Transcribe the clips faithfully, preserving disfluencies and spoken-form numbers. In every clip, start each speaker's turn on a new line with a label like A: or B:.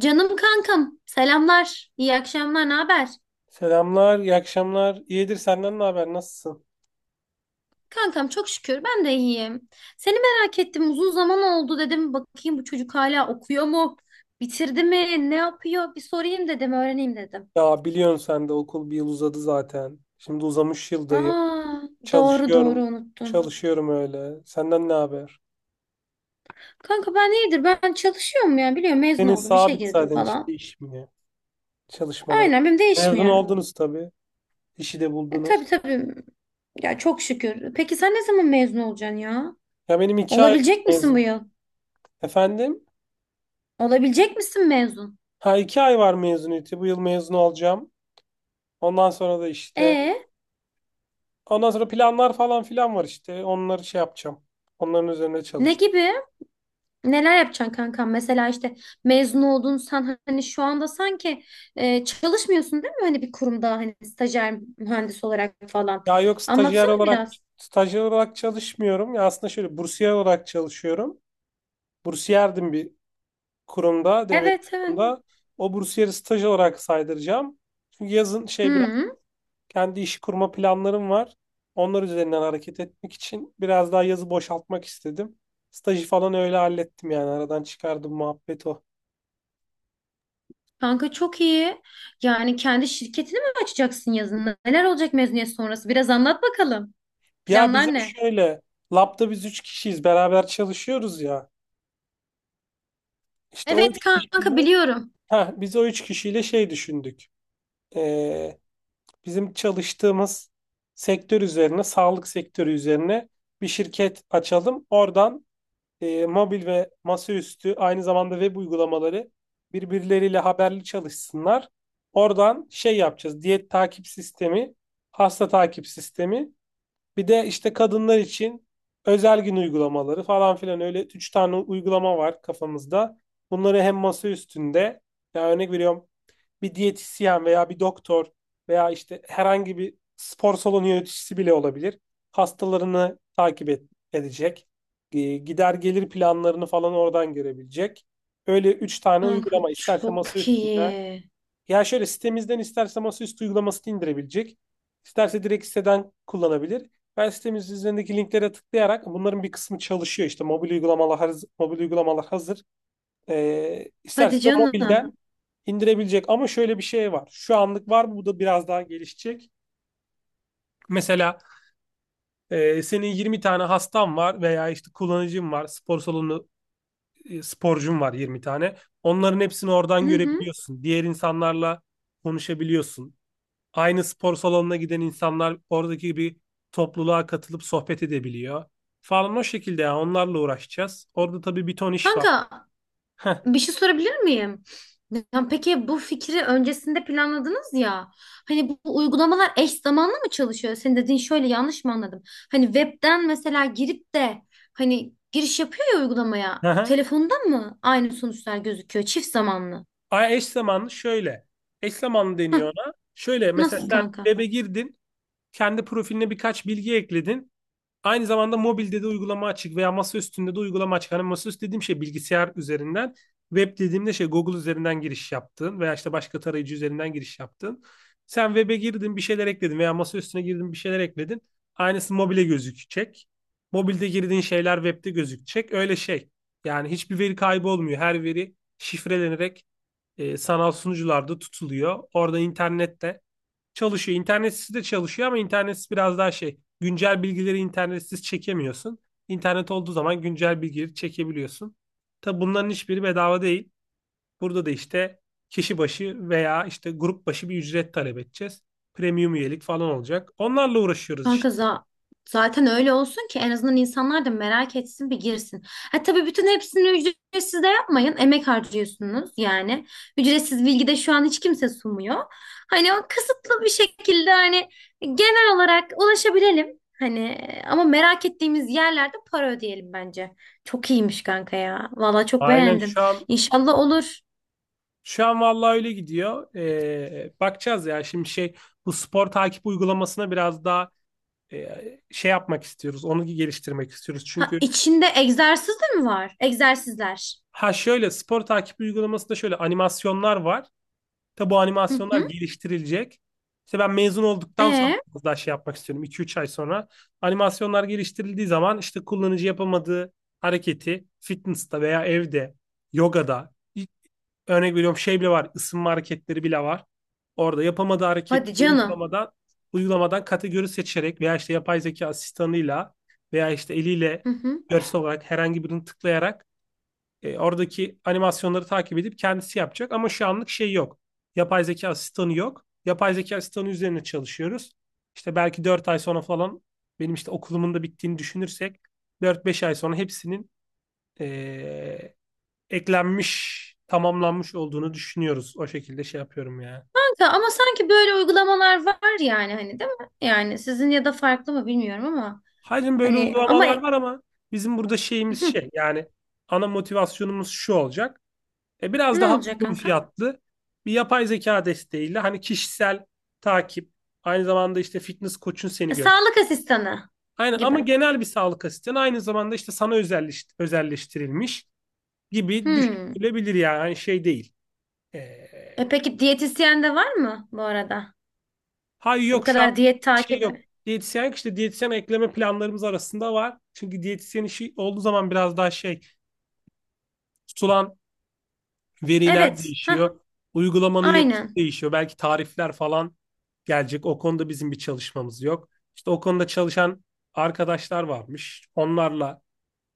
A: Canım kankam, selamlar, iyi akşamlar, ne haber?
B: Selamlar, iyi akşamlar. İyidir senden ne haber? Nasılsın?
A: Kankam çok şükür ben de iyiyim. Seni merak ettim, uzun zaman oldu dedim. Bakayım bu çocuk hala okuyor mu? Bitirdi mi? Ne yapıyor? Bir sorayım dedim, öğreneyim dedim.
B: Ya biliyorsun sen de okul bir yıl uzadı zaten. Şimdi uzamış yıldayım.
A: Aa, doğru doğru
B: Çalışıyorum.
A: unuttum.
B: Çalışıyorum öyle. Senden ne haber?
A: Kanka ben iyidir, ben çalışıyorum ya biliyorum mezun
B: Senin
A: oldum, işe
B: sabit
A: girdim
B: zaten işte
A: falan.
B: iş mi? Ya? Çalışmaları.
A: Aynen benim
B: Mezun
A: değişmiyor.
B: oldunuz tabii. İşi de
A: E,
B: buldunuz.
A: tabii tabii. Ya çok şükür. Peki sen ne zaman mezun olacaksın ya?
B: Ya benim iki ay
A: Olabilecek misin bu
B: mezun.
A: yıl?
B: Efendim?
A: Olabilecek misin mezun?
B: Ha iki ay var mezuniyeti. Bu yıl mezun olacağım. Ondan sonra da işte.
A: E,
B: Ondan sonra planlar falan filan var işte. Onları şey yapacağım. Onların üzerine
A: ne
B: çalışacağım.
A: gibi? Neler yapacaksın kankam? Mesela işte mezun oldun sen hani şu anda sanki e, çalışmıyorsun değil mi? Hani bir kurumda hani stajyer mühendis olarak falan.
B: Ya yok stajyer
A: Anlatsana
B: olarak
A: biraz.
B: stajyer olarak çalışmıyorum. Ya aslında şöyle bursiyer olarak çalışıyorum. Bursiyerdim bir kurumda, devlet
A: Evet, evet.
B: kurumunda. O bursiyeri staj olarak saydıracağım. Çünkü yazın şey biraz
A: Hı,
B: kendi işi kurma planlarım var. Onlar üzerinden hareket etmek için biraz daha yazı boşaltmak istedim. Stajı falan öyle hallettim yani aradan çıkardım muhabbet o.
A: kanka çok iyi. Yani kendi şirketini mi açacaksın yazın? Neler olacak mezuniyet sonrası? Biraz anlat bakalım.
B: Ya
A: Planlar
B: bizim
A: ne?
B: şöyle labda biz üç kişiyiz beraber çalışıyoruz ya. İşte o üç
A: Evet
B: kişiyle,
A: kanka, biliyorum.
B: heh, biz o üç kişiyle şey düşündük. e, Bizim çalıştığımız sektör üzerine, sağlık sektörü üzerine bir şirket açalım. Oradan e, mobil ve masaüstü aynı zamanda web uygulamaları birbirleriyle haberli çalışsınlar. Oradan şey yapacağız. Diyet takip sistemi, hasta takip sistemi. Bir de işte kadınlar için özel gün uygulamaları falan filan, öyle üç tane uygulama var kafamızda. Bunları hem masa üstünde, ya örnek veriyorum, bir diyetisyen veya bir doktor veya işte herhangi bir spor salonu yöneticisi bile olabilir. Hastalarını takip et- edecek. E, Gider gelir planlarını falan oradan görebilecek. Öyle üç tane
A: Kanka
B: uygulama isterse
A: çok iyi.
B: masaüstünden. Ya şöyle sitemizden isterse masaüstü uygulamasını indirebilecek. İsterse direkt siteden kullanabilir. Ben sitemizin üzerindeki linklere tıklayarak bunların bir kısmı çalışıyor. İşte mobil uygulamalar, mobil uygulamalar hazır. Ee, isterse
A: Hadi
B: de
A: canım.
B: mobilden indirebilecek. Ama şöyle bir şey var. Şu anlık var. Bu da biraz daha gelişecek. Mesela e, senin yirmi tane hastan var veya işte kullanıcın var. Spor salonu, e, sporcun var yirmi tane. Onların hepsini oradan
A: Hı hı.
B: görebiliyorsun. Diğer insanlarla konuşabiliyorsun. Aynı spor salonuna giden insanlar oradaki bir topluluğa katılıp sohbet edebiliyor. Falan o şekilde yani onlarla uğraşacağız. Orada tabii bir ton iş var.
A: Kanka, bir şey sorabilir miyim? Ya peki bu fikri öncesinde planladınız ya. Hani bu bu uygulamalar eş zamanlı mı çalışıyor? Senin dediğin şöyle, yanlış mı anladım? Hani webden mesela girip de hani giriş yapıyor ya uygulamaya. Telefonda mı aynı sonuçlar gözüküyor? Çift zamanlı.
B: Ay eş zamanlı şöyle. Eş zamanlı deniyor
A: Hah,
B: ona. Şöyle mesela
A: nasıl
B: sen
A: kanka?
B: web'e girdin. Kendi profiline birkaç bilgi ekledin. Aynı zamanda mobilde de uygulama açık veya masa üstünde de uygulama açık. Hani masaüstü dediğim şey bilgisayar üzerinden. Web dediğimde şey Google üzerinden giriş yaptın veya işte başka tarayıcı üzerinden giriş yaptın. Sen web'e girdin bir şeyler ekledin veya masa üstüne girdin bir şeyler ekledin. Aynısı mobile gözükecek. Mobilde girdiğin şeyler web'de gözükecek. Öyle şey. Yani hiçbir veri kaybı olmuyor. Her veri şifrelenerek, e, sanal sunucularda tutuluyor. Orada internette çalışıyor. İnternetsiz de çalışıyor ama internetsiz biraz daha şey. Güncel bilgileri internetsiz çekemiyorsun. İnternet olduğu zaman güncel bilgileri çekebiliyorsun. Tabi bunların hiçbiri bedava değil. Burada da işte kişi başı veya işte grup başı bir ücret talep edeceğiz. Premium üyelik falan olacak. Onlarla uğraşıyoruz
A: Kanka
B: işte.
A: za- zaten öyle olsun ki en azından insanlar da merak etsin, bir girsin. Ha tabii, bütün hepsini ücretsiz de yapmayın. Emek harcıyorsunuz yani. Ücretsiz bilgi de şu an hiç kimse sunmuyor. Hani o kısıtlı bir şekilde hani genel olarak ulaşabilelim. Hani ama merak ettiğimiz yerlerde para ödeyelim bence. Çok iyiymiş kanka ya. Valla çok
B: Aynen
A: beğendim.
B: şu an
A: İnşallah olur.
B: şu an vallahi öyle gidiyor. Ee, bakacağız ya şimdi şey, bu spor takip uygulamasına biraz daha e, şey yapmak istiyoruz. Onu geliştirmek istiyoruz.
A: Ha,
B: Çünkü
A: içinde egzersiz de mi var? Egzersizler.
B: ha şöyle spor takip uygulamasında şöyle animasyonlar var. Tabi bu
A: Hı
B: animasyonlar
A: hı.
B: geliştirilecek. İşte ben mezun olduktan sonra
A: E,
B: biraz daha şey yapmak istiyorum. iki üç ay sonra. Animasyonlar geliştirildiği zaman işte kullanıcı yapamadığı hareketi fitness'ta veya evde, yogada ilk- örnek veriyorum şey bile var. Isınma hareketleri bile var. Orada yapamadığı hareketi
A: hadi canım.
B: uygulamadan uygulamadan kategori seçerek veya işte yapay zeka asistanıyla veya işte eliyle
A: Hı hı.
B: görsel olarak herhangi birini tıklayarak e, oradaki animasyonları takip edip kendisi yapacak ama şu anlık şey yok. Yapay zeka asistanı yok. Yapay zeka asistanı üzerine çalışıyoruz. İşte belki dört ay sonra falan, benim işte okulumun da bittiğini düşünürsek dört beş ay sonra hepsinin e, eklenmiş, tamamlanmış olduğunu düşünüyoruz. O şekilde şey yapıyorum yani.
A: Ta- Ama sanki böyle uygulamalar var yani, hani değil mi? Yani sizin, ya da farklı mı bilmiyorum ama
B: Hayır böyle
A: hani ama
B: uygulamalar
A: e-
B: var ama bizim burada şeyimiz
A: Hı,
B: şey yani ana motivasyonumuz şu olacak. E, biraz
A: ne
B: daha
A: olacak
B: uygun
A: kanka?
B: fiyatlı bir yapay zeka desteğiyle hani kişisel takip, aynı zamanda işte fitness koçun
A: E,
B: seni görüyor.
A: sağlık asistanı
B: Aynen ama
A: gibi.
B: genel bir sağlık asistanı, aynı zamanda işte sana özelleş, özelleştirilmiş gibi
A: Hmm.
B: düşünülebilir yani. Hani şey değil. E,
A: E, peki diyetisyen de var mı bu arada?
B: hayır
A: E, bu
B: yok şu an
A: kadar diyet
B: şey
A: takibi.
B: yok. Diyetisyen, işte diyetisyen ekleme planlarımız arasında var. Çünkü diyetisyen işi olduğu zaman biraz daha şey, tutulan veriler
A: Evet. Ha,
B: değişiyor. Uygulamanın yapısı
A: aynen.
B: değişiyor. Belki tarifler falan gelecek. O konuda bizim bir çalışmamız yok. İşte o konuda çalışan arkadaşlar varmış. Onlarla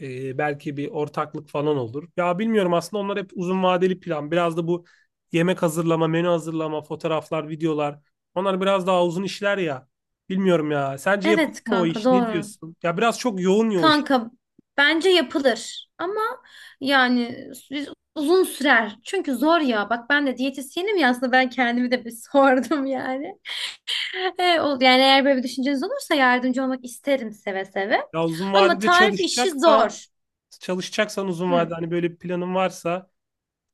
B: e, belki bir ortaklık falan olur. Ya bilmiyorum aslında, onlar hep uzun vadeli plan. Biraz da bu yemek hazırlama, menü hazırlama, fotoğraflar, videolar. Onlar biraz daha uzun işler ya. Bilmiyorum ya. Sence yapılır
A: Evet
B: mı o
A: kanka,
B: iş? Ne
A: doğru.
B: diyorsun? Ya biraz çok yoğun ya o iş.
A: Kanka, bence yapılır ama yani biz uzun sürer. Çünkü zor ya. Bak ben de diyetisyenim ya, aslında ben kendimi de bir sordum yani. E, o- yani eğer böyle bir düşünceniz olursa yardımcı olmak isterim seve seve.
B: Ya uzun
A: Ama
B: vadede
A: tarif işi
B: çalışacaksan,
A: zor.
B: çalışacaksan uzun
A: Hı.
B: vadede hani böyle bir planın varsa.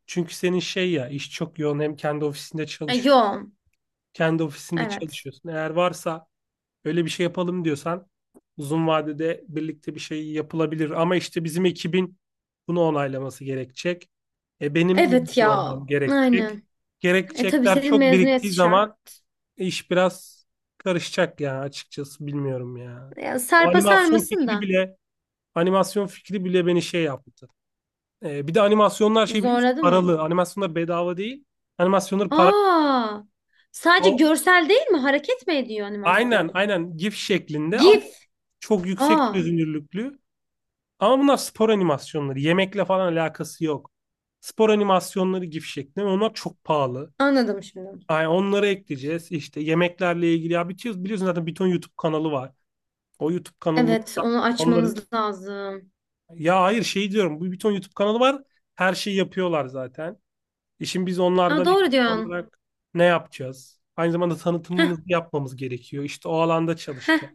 B: Çünkü senin şey, ya iş çok yoğun, hem kendi ofisinde
A: E,
B: çalış
A: yoğun.
B: kendi ofisinde
A: Evet.
B: çalışıyorsun. Eğer varsa öyle bir şey yapalım diyorsan uzun vadede birlikte bir şey yapılabilir. Ama işte bizim ekibin bunu onaylaması gerekecek. E, benim
A: Evet
B: mezun
A: ya.
B: olmam gerekecek.
A: Aynen. E tabii,
B: Gerekçekler
A: senin
B: çok
A: mezuniyet
B: biriktiği
A: şart.
B: zaman iş biraz karışacak ya, açıkçası bilmiyorum ya.
A: Ya,
B: O
A: sarpa
B: animasyon
A: sarmasın
B: fikri
A: da.
B: bile animasyon fikri bile beni şey yaptı. Ee, bir de animasyonlar şey, biliyor musun?
A: Zorladı mı?
B: Paralı. Animasyonlar bedava değil. Animasyonlar para.
A: Aa. Sadece
B: O,
A: görsel değil mi? Hareket mi ediyor
B: aynen
A: animasyon?
B: aynen GIF şeklinde ama
A: GIF.
B: çok yüksek
A: Aa.
B: çözünürlüklü. Ama bunlar spor animasyonları. Yemekle falan alakası yok. Spor animasyonları GIF şeklinde. Ve onlar çok pahalı.
A: Anladım şimdi.
B: Yani onları ekleyeceğiz. İşte yemeklerle ilgili. Ya biliyorsun, biliyorsun zaten bir ton YouTube kanalı var. O YouTube kanalı
A: Evet, onu
B: onların...
A: açmanız lazım.
B: Ya hayır şey diyorum. Bu bir ton YouTube kanalı var. Her şeyi yapıyorlar zaten. E şimdi biz
A: Aa,
B: onlardan eksik
A: doğru diyorsun.
B: olarak ne yapacağız? Aynı zamanda
A: Heh,
B: tanıtımımızı yapmamız gerekiyor. İşte o alanda
A: heh.
B: çalışacağız.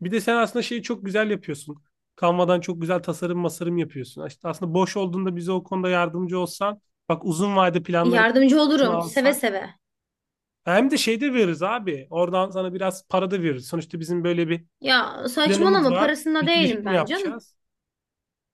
B: Bir de sen aslında şeyi çok güzel yapıyorsun. Canva'dan çok güzel tasarım masarım yapıyorsun. İşte aslında boş olduğunda bize o konuda yardımcı olsan, bak, uzun vade planlarımızı
A: Yardımcı olurum seve
B: alsak.
A: seve.
B: Hem de şey de veririz abi. Oradan sana biraz para da veririz. Sonuçta bizim böyle bir
A: Ya
B: planımız
A: saçmalama,
B: var.
A: parasında
B: Bir
A: değilim
B: girişim
A: ben canım.
B: yapacağız.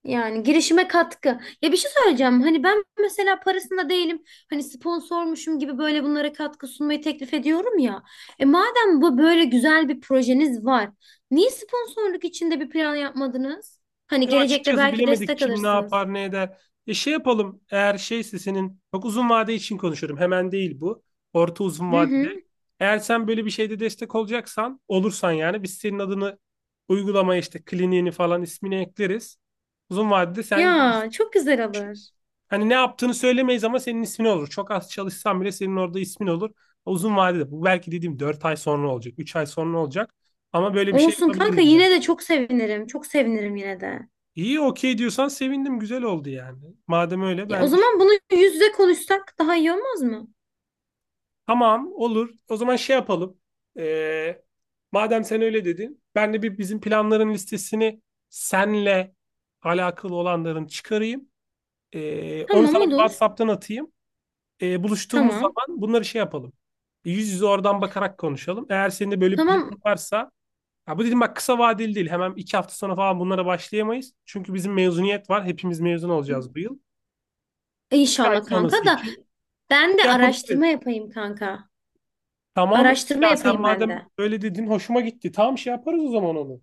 A: Yani girişime katkı. Ya bir şey söyleyeceğim. Hani ben mesela parasında değilim. Hani sponsormuşum gibi böyle bunlara katkı sunmayı teklif ediyorum ya. E madem bu böyle güzel bir projeniz var. Niye sponsorluk içinde bir plan yapmadınız? Hani
B: Ya
A: gelecekte
B: açıkçası
A: belki
B: bilemedik
A: destek
B: kim ne
A: alırsınız.
B: yapar ne eder. E şey yapalım, eğer şeyse, senin çok uzun vade için konuşuyorum, hemen değil bu. Orta uzun
A: Hı
B: vadede.
A: hı.
B: Eğer sen böyle bir şeyde destek olacaksan, olursan, yani biz senin adını uygulamaya, işte kliniğini falan, ismini ekleriz. Uzun vadede sen
A: Ya
B: gelirsin.
A: çok güzel olur.
B: Hani ne yaptığını söylemeyiz ama senin ismin olur. Çok az çalışsan bile senin orada ismin olur. Uzun vadede bu, belki dediğim dört ay sonra olacak, üç ay sonra olacak. Ama böyle bir şey
A: Olsun kanka,
B: yapabiliriz yani.
A: yine de çok sevinirim. Çok sevinirim yine de.
B: İyi, okey diyorsan sevindim, güzel oldu yani. Madem öyle
A: E, o
B: ben de
A: zaman bunu yüz yüze konuşsak daha iyi olmaz mı?
B: tamam, olur. O zaman şey yapalım. Ee, Madem sen öyle dedin, ben de bir bizim planların listesini, senle alakalı olanların çıkarayım. Ee, onu
A: Tamam,
B: sana bir
A: olur.
B: WhatsApp'tan atayım. Ee, buluştuğumuz
A: Tamam.
B: zaman bunları şey yapalım. Yüz yüze oradan bakarak konuşalım. Eğer senin de böyle bir
A: Tamam
B: planın varsa, ya bu dedim bak, kısa vadeli değil. Hemen iki hafta sonra falan bunlara başlayamayız. Çünkü bizim mezuniyet var. Hepimiz mezun olacağız bu yıl. Üç ay
A: inşallah kanka,
B: sonrası
A: da
B: için
A: ben de
B: yapabiliriz.
A: araştırma yapayım kanka.
B: Tamam.
A: Araştırma
B: Ya sen
A: yapayım ben
B: madem
A: de.
B: öyle dedin hoşuma gitti. Tamam, şey yaparız o zaman onu.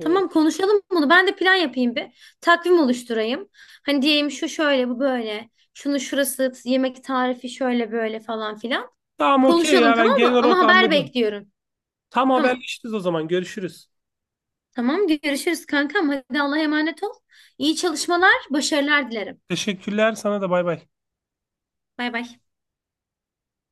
B: Ee,
A: konuşalım bunu. Ben de plan yapayım bir. Takvim oluşturayım. Hani diyeyim şu şöyle bu böyle. Şunu şurası yemek tarifi şöyle böyle falan filan.
B: tamam okey
A: Konuşalım
B: ya,
A: tamam
B: ben genel
A: mı? Ama
B: olarak
A: haber
B: anladım.
A: bekliyorum.
B: Tam
A: Tamam.
B: haberleşiriz o zaman. Görüşürüz.
A: Tamam görüşürüz kankam. Hadi Allah'a emanet ol. İyi çalışmalar, başarılar dilerim.
B: Teşekkürler, sana da bay bay.
A: Bay bay.